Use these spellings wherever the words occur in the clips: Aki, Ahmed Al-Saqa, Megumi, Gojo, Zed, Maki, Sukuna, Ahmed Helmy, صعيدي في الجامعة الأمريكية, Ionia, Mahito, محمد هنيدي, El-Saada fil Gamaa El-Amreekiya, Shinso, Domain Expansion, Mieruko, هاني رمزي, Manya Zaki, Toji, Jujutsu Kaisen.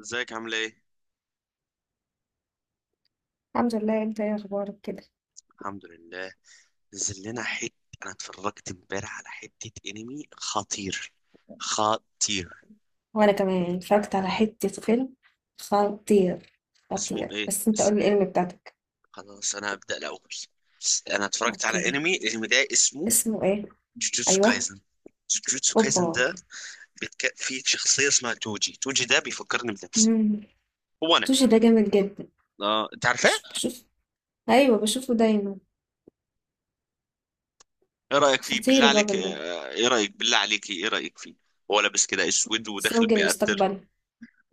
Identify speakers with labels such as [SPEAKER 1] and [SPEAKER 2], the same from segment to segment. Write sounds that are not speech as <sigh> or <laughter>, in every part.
[SPEAKER 1] ازيك؟ عامله ايه؟
[SPEAKER 2] الحمد لله، انت ايه اخبارك كده؟
[SPEAKER 1] الحمد لله. نزل لنا حته. انا اتفرجت امبارح على حته انمي خطير، خطير.
[SPEAKER 2] وانا كمان اتفرجت على حتة فيلم خطير.
[SPEAKER 1] اسمه
[SPEAKER 2] خطير،
[SPEAKER 1] ايه؟
[SPEAKER 2] بس انت قول لي الاسم بتاعتك.
[SPEAKER 1] خلاص، انا هبدا الاول. انا اتفرجت على
[SPEAKER 2] اوكي.
[SPEAKER 1] الانمي ده اسمه
[SPEAKER 2] اسمه ايه؟
[SPEAKER 1] جوجوتسو
[SPEAKER 2] ايوه.
[SPEAKER 1] كايزن. جوجوتسو كايزن
[SPEAKER 2] اوبا.
[SPEAKER 1] ده فيه شخصيه اسمها توجي. توجي ده بيفكرني بنفسي،
[SPEAKER 2] امم
[SPEAKER 1] هو انا.
[SPEAKER 2] توشي ده جامد جدا.
[SPEAKER 1] اه، انت عارفاه؟
[SPEAKER 2] شوف. ايوه، بشوفه دايما.
[SPEAKER 1] ايه رايك فيه
[SPEAKER 2] خطير
[SPEAKER 1] بالله عليك؟
[SPEAKER 2] الراجل ده.
[SPEAKER 1] ايه رايك بالله عليك؟ ايه رايك فيه؟ هو لابس كده اسود وداخل
[SPEAKER 2] زوج
[SPEAKER 1] بيقتل.
[SPEAKER 2] المستقبل.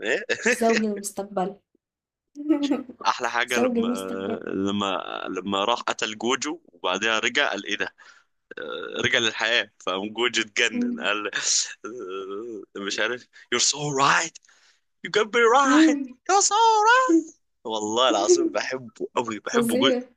[SPEAKER 1] ايه <laughs>
[SPEAKER 2] زوج المستقبل. <laughs>
[SPEAKER 1] احلى حاجه
[SPEAKER 2] زوج
[SPEAKER 1] لما،
[SPEAKER 2] المستقبل.
[SPEAKER 1] لما لما راح قتل جوجو وبعدها رجع قال ايه ده؟ رجع للحياه، فقام جوجو اتجنن
[SPEAKER 2] مم.
[SPEAKER 1] قال مش عارف. you're so right. you can be right.
[SPEAKER 2] مم.
[SPEAKER 1] you're so right. والله العظيم
[SPEAKER 2] <laughs>
[SPEAKER 1] بحبه قوي، بحبه جدا.
[SPEAKER 2] فظيع.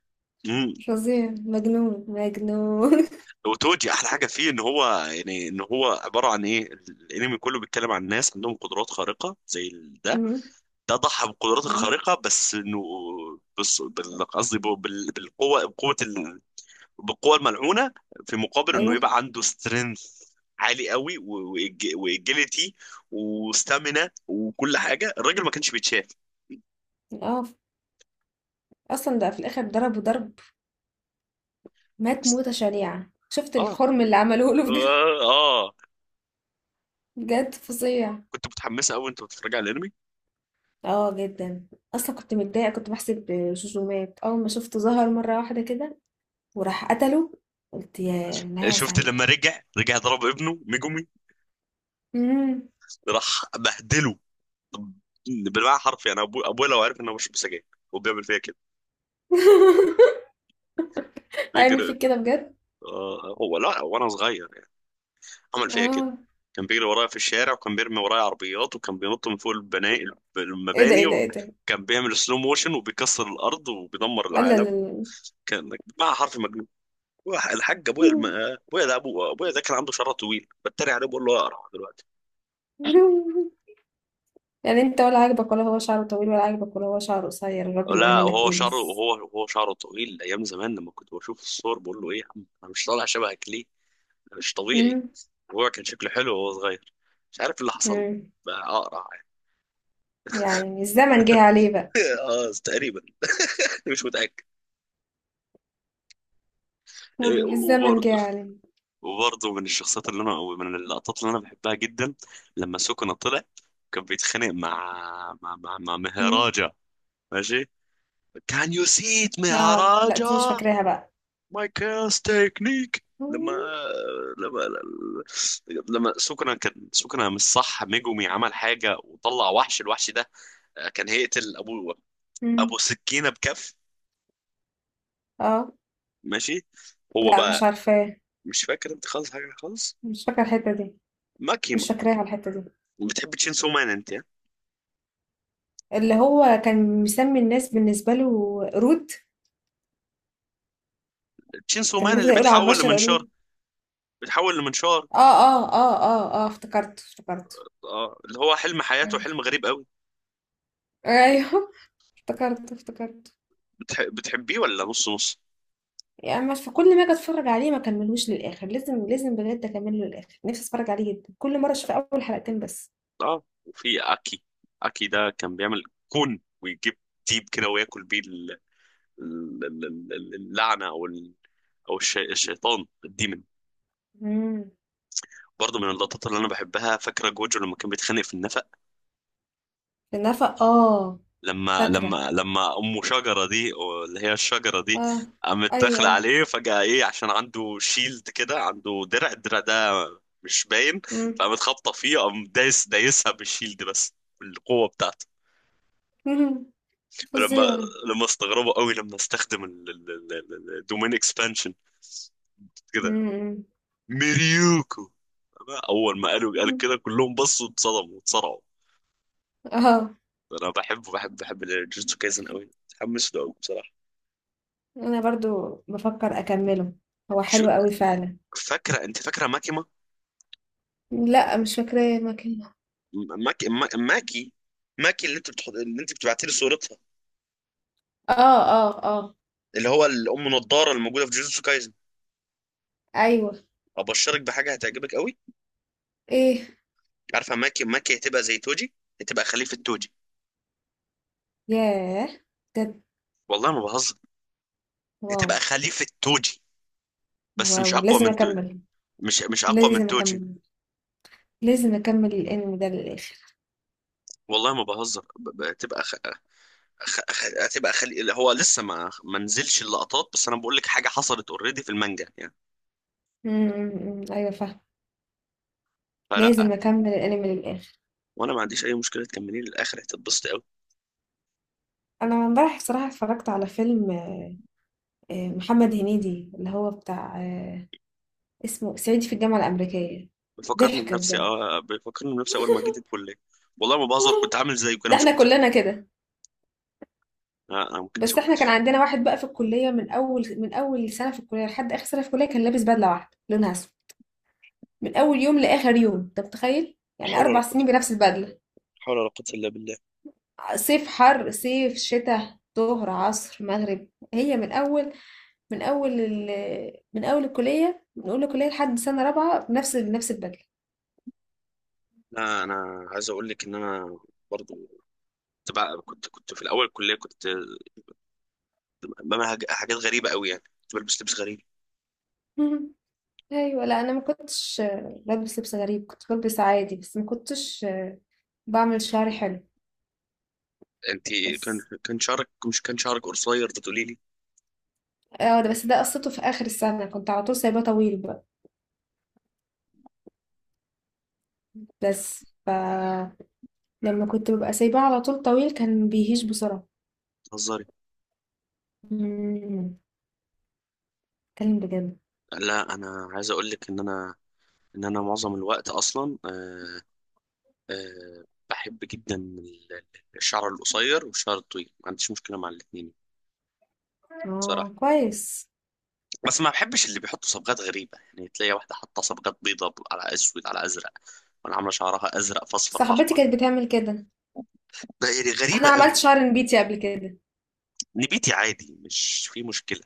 [SPEAKER 1] امم
[SPEAKER 2] فظيع، مجنون مجنون. <laughs>
[SPEAKER 1] وتوجي احلى حاجه فيه ان هو، يعني ان هو عباره عن ايه، الانمي كله بيتكلم عن ناس عندهم قدرات خارقه زي ده.
[SPEAKER 2] مم.
[SPEAKER 1] ده ضحى بالقدرات
[SPEAKER 2] مم.
[SPEAKER 1] الخارقه بس انه، بس بال- قصدي بال- بالقوه، بقوه، بالقوة الملعونة، في مقابل انه
[SPEAKER 2] ايوه.
[SPEAKER 1] يبقى عنده سترينث عالي قوي، واجيلتي وستامينا وكل حاجة. الراجل ما كانش بيتشاف.
[SPEAKER 2] اه، اصلا ده في الاخر ضربه ضرب. مات موتة شنيعة، شفت
[SPEAKER 1] اه.
[SPEAKER 2] الخرم اللي عملوه له بجد.
[SPEAKER 1] اه.
[SPEAKER 2] بجد فظيع.
[SPEAKER 1] كنت متحمسة قوي. انت بتتفرج على الانمي؟
[SPEAKER 2] اه جدا. اصلا كنت متضايقة، كنت بحسب جوجو مات. اول ما شفته ظهر مرة واحدة كده وراح قتله، قلت يا نهاية
[SPEAKER 1] شفت
[SPEAKER 2] سعيدة.
[SPEAKER 1] لما رجع؟ رجع ضرب ابنه ميجومي،
[SPEAKER 2] مم.
[SPEAKER 1] راح بهدله. طب بالمعنى حرفي انا، ابويا، لو عارف ان انا بشرب سجاير وبيعمل فيا كده.
[SPEAKER 2] <laughs> هيعمل
[SPEAKER 1] بيجري.
[SPEAKER 2] فيك كده بجد.
[SPEAKER 1] هو لا، وانا صغير عمل فيها كده.
[SPEAKER 2] اه.
[SPEAKER 1] كان بيجري ورايا في الشارع، وكان بيرمي ورايا عربيات، وكان بينط من فوق
[SPEAKER 2] ايه ده،
[SPEAKER 1] المباني،
[SPEAKER 2] ايه ده، ايه ده؟
[SPEAKER 1] وكان بيعمل سلو موشن وبيكسر الارض وبيدمر
[SPEAKER 2] لا لا
[SPEAKER 1] العالم.
[SPEAKER 2] لا لا.
[SPEAKER 1] كان مع حرف مجنون. الحاج ابويا، ابويا ده، ابو ابويا ده، كان عنده شعر طويل، بتريق عليه بقول له اقرع دلوقتي.
[SPEAKER 2] <laughs> يعني انت ولا عاجبك ولا هو شعره طويل، ولا عاجبك ولا هو شعره قصير، الراجل
[SPEAKER 1] لا،
[SPEAKER 2] يعمل لك
[SPEAKER 1] وهو
[SPEAKER 2] ايه
[SPEAKER 1] شعره،
[SPEAKER 2] بس؟
[SPEAKER 1] وهو شعره طويل ايام زمان، لما كنت بشوف الصور بقول له ايه يا عم، انا مش طالع شبهك ليه؟ انا مش طبيعي.
[SPEAKER 2] مم.
[SPEAKER 1] وهو كان شكله حلو وهو صغير، مش عارف إيه اللي حصل له،
[SPEAKER 2] مم.
[SPEAKER 1] بقى اقرع يعني.
[SPEAKER 2] يعني الزمن جه عليه بقى.
[SPEAKER 1] <laughs> اه، تقريبا، مش متاكد.
[SPEAKER 2] الزمن
[SPEAKER 1] وبرضه،
[SPEAKER 2] جه يا عالم.
[SPEAKER 1] وبرضه من الشخصيات اللي انا، او من اللقطات اللي انا بحبها جدا، لما سوكونا طلع كان بيتخانق مع، مع
[SPEAKER 2] مم.
[SPEAKER 1] مهراجا. ماشي. كان يو سي ات
[SPEAKER 2] اه، لا دي مش
[SPEAKER 1] مهراجا.
[SPEAKER 2] فاكراها بقى.
[SPEAKER 1] ماي كاس تكنيك، لما، لما لما سوكونا كان سوكونا، مش صح، ميجومي عمل حاجه وطلع وحش، الوحش ده كان هيقتل ابو،
[SPEAKER 2] مم.
[SPEAKER 1] سكينه بكف.
[SPEAKER 2] اه.
[SPEAKER 1] ماشي. هو
[SPEAKER 2] لا مش
[SPEAKER 1] بقى،
[SPEAKER 2] عارفاه.
[SPEAKER 1] مش فاكر انت خالص، حاجه خالص.
[SPEAKER 2] مش فاكره الحته دي. مش
[SPEAKER 1] ماكيما،
[SPEAKER 2] فاكراها الحته دي.
[SPEAKER 1] بتحب تشين سو مان انت يعني؟
[SPEAKER 2] اللي هو كان مسمي الناس بالنسبه له قرود.
[SPEAKER 1] شينسو
[SPEAKER 2] كان
[SPEAKER 1] مان
[SPEAKER 2] بيفضل
[SPEAKER 1] اللي
[SPEAKER 2] يقول على
[SPEAKER 1] بيتحول
[SPEAKER 2] البشر
[SPEAKER 1] لمنشار،
[SPEAKER 2] قرود.
[SPEAKER 1] بيتحول لمنشار.
[SPEAKER 2] اه اه اه اه اه، افتكرته افتكرته.
[SPEAKER 1] اه، اللي هو حلم حياته، حلم غريب قوي.
[SPEAKER 2] ايوه. <laughs> افتكرته افتكرته.
[SPEAKER 1] بتحبيه، ولا نص نص؟
[SPEAKER 2] يعني مش في كل ما اجي اتفرج عليه ما كملوش للاخر. لازم لازم بجد اكمله للاخر. نفسي اتفرج عليه جدا. كل مره اشوف اول حلقتين بس.
[SPEAKER 1] اه، وفي اكي. اكي ده كان بيعمل كون، ويجيب ديب كده، وياكل بيه ال- ال- اللعنه، او الشيطان، الديمن.
[SPEAKER 2] امم
[SPEAKER 1] برضه من اللقطات اللي انا بحبها، فاكره جوجو لما كان بيتخانق في النفق؟
[SPEAKER 2] النفق، اه.
[SPEAKER 1] لما،
[SPEAKER 2] فاكره.
[SPEAKER 1] لما امه شجره دي، أو اللي هي الشجره دي،
[SPEAKER 2] آه.
[SPEAKER 1] قامت
[SPEAKER 2] أيوه،
[SPEAKER 1] داخله
[SPEAKER 2] أيوه.
[SPEAKER 1] عليه فجاه، ايه، عشان عنده شيلد كده، عنده درع، الدرع ده مش باين،
[SPEAKER 2] إمم.
[SPEAKER 1] فقامت خابطه فيه، قام دايس، دايسها بالشيلد بس، بالقوه بتاعته.
[SPEAKER 2] <laughs> اهم.
[SPEAKER 1] لما،
[SPEAKER 2] فظيع.
[SPEAKER 1] لما استغربوا قوي لما استخدم الدومين اكسبانشن كده،
[SPEAKER 2] إمم، إمم.
[SPEAKER 1] ميريوكو، اول ما قالوا قال كده
[SPEAKER 2] <laughs>
[SPEAKER 1] كلهم بصوا، اتصدموا، اتصارعوا.
[SPEAKER 2] اهم. آه.
[SPEAKER 1] انا بحبه، بحب الجوجوتسو كايزن قوي، متحمس له قوي بصراحه.
[SPEAKER 2] أنا برضه بافكّر أكمّله. هو
[SPEAKER 1] شو،
[SPEAKER 2] حلو أوي فعلًا.
[SPEAKER 1] فاكره انت؟ فاكره ماكيما،
[SPEAKER 2] لأ، مش فاكراه المكان.
[SPEAKER 1] ماكي ماكي ماكي، اللي انت بتحط، اللي انت بتبعتي لي صورتها،
[SPEAKER 2] آه، آه، آه.
[SPEAKER 1] اللي هو الام نضاره اللي موجوده في جوجوتسو كايزن.
[SPEAKER 2] أيوه.
[SPEAKER 1] ابشرك بحاجه هتعجبك قوي.
[SPEAKER 2] إيه؟
[SPEAKER 1] عارفه ماكي؟ ماكي هتبقى زي توجي، هتبقى خليفه توجي.
[SPEAKER 2] ياه! بجد.
[SPEAKER 1] والله ما بهزر،
[SPEAKER 2] واو.
[SPEAKER 1] هتبقى خليفه توجي. بس مش
[SPEAKER 2] واو!
[SPEAKER 1] اقوى
[SPEAKER 2] لازم
[SPEAKER 1] من تو...
[SPEAKER 2] أكمّل.
[SPEAKER 1] مش مش اقوى من
[SPEAKER 2] لازم
[SPEAKER 1] توجي.
[SPEAKER 2] أكمّل. لازم أكمّل الأنمي ده للآخر.
[SPEAKER 1] والله ما بهزر، ب- ب- هتبقى خ... خ... خ... هتبقى خلي... اللي هو لسه ما نزلش اللقطات، بس انا بقول لك حاجه حصلت اوريدي في المانجا يعني.
[SPEAKER 2] إمم، إمم، إمم، أيوه فاهمة.
[SPEAKER 1] فلا،
[SPEAKER 2] لازم أكمّل الأنمي للآخر.
[SPEAKER 1] وانا ما عنديش اي مشكله، تكمليه للاخر هتتبسطي قوي.
[SPEAKER 2] أنا امبارح الصراحة اتفرّجت على فيلم محمد هنيدي اللي هو بتاع اسمه صعيدي في الجامعة الأمريكية.
[SPEAKER 1] بيفكرني
[SPEAKER 2] ضحك
[SPEAKER 1] بنفسي،
[SPEAKER 2] بجد.
[SPEAKER 1] اه بيفكرني بنفسي، اول ما جيت الكليه. والله ما بهزر، كنت
[SPEAKER 2] <laughs>
[SPEAKER 1] عامل زيه انا،
[SPEAKER 2] ده
[SPEAKER 1] مش
[SPEAKER 2] احنا
[SPEAKER 1] كنت.
[SPEAKER 2] كلنا كده.
[SPEAKER 1] لا انا ما كنتش،
[SPEAKER 2] بس
[SPEAKER 1] ما
[SPEAKER 2] احنا كان
[SPEAKER 1] كنتش.
[SPEAKER 2] عندنا واحد بقى في الكلية، من أول سنة في الكلية لحد آخر سنة في الكلية كان لابس بدلة واحدة لونها أسود. من أول يوم لآخر يوم، أنت متخيل؟ يعني
[SPEAKER 1] حول ولا
[SPEAKER 2] أربع
[SPEAKER 1] قوة،
[SPEAKER 2] سنين بنفس البدلة.
[SPEAKER 1] حول ولا قوة إلا بالله.
[SPEAKER 2] صيف حر، صيف شتاء، ظهر عصر مغرب. هي من أول من أول ال... من أول الكلية لحد سنة رابعة بنفس البدلة.
[SPEAKER 1] لا انا عايز اقول لك ان انا برضو، كنت بقى، كنت في الاول الكليه، كنت بعمل حاجات غريبه قوي يعني، كنت بلبس لبس غريب.
[SPEAKER 2] <laughs> أيوة. لا أنا ما كنتش بلبس لبس غريب، كنت بلبس عادي، بس ما كنتش بعمل شعري حلو
[SPEAKER 1] انت، كان
[SPEAKER 2] بس.
[SPEAKER 1] كان شعرك، مش كان شعرك قصير بتقولي لي؟
[SPEAKER 2] اه ده، بس ده قصته في اخر السنة كنت على طول سايباه طويل بقى. بس ف لما كنت ببقى سايباه على طول طويل كان بيهيج بسرعة.
[SPEAKER 1] بتهزري.
[SPEAKER 2] مم، اتكلم بجد.
[SPEAKER 1] لا انا عايز اقول لك ان انا، ان انا معظم الوقت اصلا، آه، أه بحب جدا الشعر القصير والشعر الطويل، ما عنديش مشكلة مع الاتنين
[SPEAKER 2] اه
[SPEAKER 1] بصراحة.
[SPEAKER 2] كويس.
[SPEAKER 1] بس ما بحبش اللي بيحطوا صبغات غريبة، يعني تلاقي واحدة حاطة صبغات بيضة على أسود على أزرق، وأنا عاملة شعرها أزرق في أصفر في
[SPEAKER 2] صاحبتي
[SPEAKER 1] أحمر،
[SPEAKER 2] كانت بتعمل كده.
[SPEAKER 1] ده يعني
[SPEAKER 2] انا
[SPEAKER 1] غريبة
[SPEAKER 2] عملت
[SPEAKER 1] أوي.
[SPEAKER 2] شعر نبيتي قبل كده.
[SPEAKER 1] نبيتي عادي مش في مشكلة،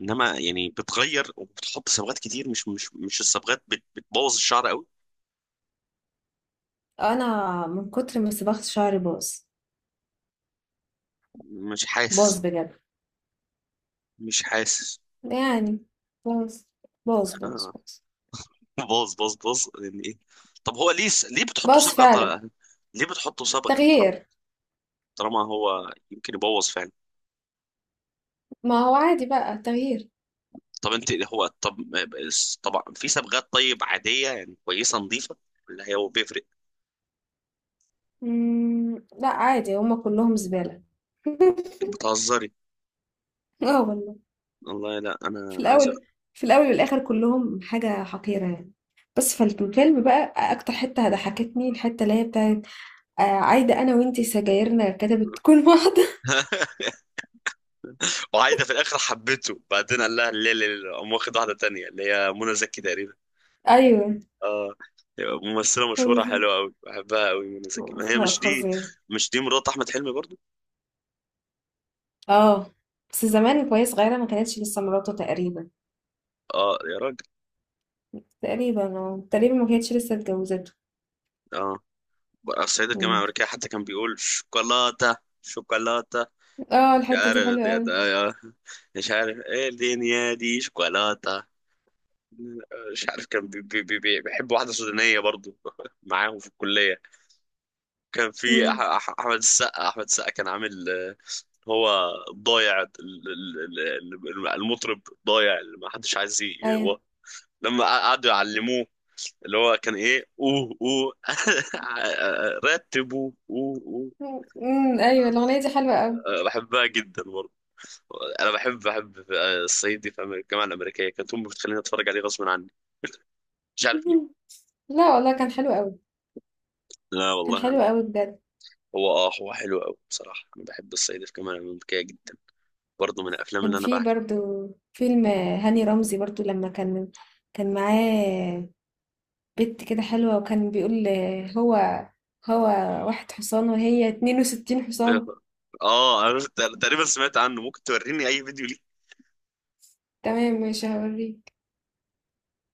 [SPEAKER 1] إنما يعني بتغير وبتحط صبغات كتير، مش الصبغات بتبوظ الشعر أوي.
[SPEAKER 2] انا من كتر ما صبغت شعري باظ.
[SPEAKER 1] مش حاسس.
[SPEAKER 2] باظ بجد،
[SPEAKER 1] مش حاسس.
[SPEAKER 2] يعني باظ. باظ باظ
[SPEAKER 1] آه.
[SPEAKER 2] باظ.
[SPEAKER 1] باظ باظ باظ يعني ايه؟ طب هو ليه، ليه بتحطوا
[SPEAKER 2] باظ
[SPEAKER 1] صبغه
[SPEAKER 2] فعلا.
[SPEAKER 1] طالعة؟ ليه بتحطوا صبغه طالما،
[SPEAKER 2] تغيير.
[SPEAKER 1] طالما هو يمكن يبوظ فعلا؟
[SPEAKER 2] ما هو عادي بقى، تغيير.
[SPEAKER 1] طب انت، هو، طب طبعا في صبغات طيب عاديه، يعني كويسه نظيفه، اللي هي هو بيفرق.
[SPEAKER 2] لا عادي هما كلهم زبالة. <laughs>
[SPEAKER 1] بتهزري.
[SPEAKER 2] اه والله.
[SPEAKER 1] والله لا
[SPEAKER 2] في
[SPEAKER 1] انا عايز.
[SPEAKER 2] الأول، في الأول والآخر كلهم حاجة حقيرة يعني. بس فالفيلم بقى أكتر حتة ضحكتني الحتة اللي هي بتاعت عايدة. أنا وإنتي سجايرنا كتبت تكون واحدة.
[SPEAKER 1] <laughs> وعايده في الاخر حبيته، بعدين قال لها لا لا لا، قام واخد واحده تانية اللي هي منى زكي تقريبا.
[SPEAKER 2] <laughs> أيوة.
[SPEAKER 1] اه، ممثله
[SPEAKER 2] ف-
[SPEAKER 1] مشهوره حلوه قوي، بحبها قوي منى زكي. ما هي مش دي؟
[SPEAKER 2] فظيع.
[SPEAKER 1] مش دي مرات احمد حلمي برضو؟
[SPEAKER 2] اه. بس زمان وهي صغيرة ما كانتش لسه مراته تقريبا.
[SPEAKER 1] اه يا راجل،
[SPEAKER 2] تقريبا اه، تقريبا ما كانتش لسه اتجوزته.
[SPEAKER 1] اه. بقى الصعيد الجامعة
[SPEAKER 2] مم.
[SPEAKER 1] الأمريكية حتى كان بيقول شوكولاتة، شوكولاتة.
[SPEAKER 2] اه
[SPEAKER 1] مش
[SPEAKER 2] الحتة دي
[SPEAKER 1] عارف
[SPEAKER 2] حلوة
[SPEAKER 1] دي،
[SPEAKER 2] أوي.
[SPEAKER 1] مش عارف ايه الدنيا دي، شوكولاتة. مش عارف. كان بيحب واحدة سودانية برضو <laughs> معاهم في الكلية. كان في
[SPEAKER 2] مم.
[SPEAKER 1] أحمد السقا، أحمد السقا كان عامل هو ضايع، المطرب ضايع اللي ما حدش عايز
[SPEAKER 2] أيوة.
[SPEAKER 1] هو، لما قعدوا يعلموه، اللي هو كان ايه، اوه اوه <laughs> رتبوا اوه اوه.
[SPEAKER 2] مم. أيوة الأغنية دي حلوة أوي.
[SPEAKER 1] بحبها جدا برضه. انا بحب، الصعيد دي في أمريكا، الجامعه الامريكيه، كانت امي بتخليني اتفرج عليه غصب عني، مش
[SPEAKER 2] <laughs>
[SPEAKER 1] عارف ليه.
[SPEAKER 2] مهم. لا والله كان حلو قوي.
[SPEAKER 1] لا
[SPEAKER 2] كان
[SPEAKER 1] والله انا،
[SPEAKER 2] حلو قوي بجد.
[SPEAKER 1] هو اه، هو حلو قوي بصراحه، انا بحب الصعيد في الجامعه الامريكيه جدا، برضه من الافلام
[SPEAKER 2] كان
[SPEAKER 1] اللي انا
[SPEAKER 2] في
[SPEAKER 1] بعشقها.
[SPEAKER 2] برضو فيلم هاني رمزي برضو لما كان معاه بنت كده حلوة وكان بيقول هو هو واحد حصان وهي 62 حصان.
[SPEAKER 1] اه انا تقريبا سمعت عنه، ممكن توريني اي فيديو.
[SPEAKER 2] تمام، مش هوريك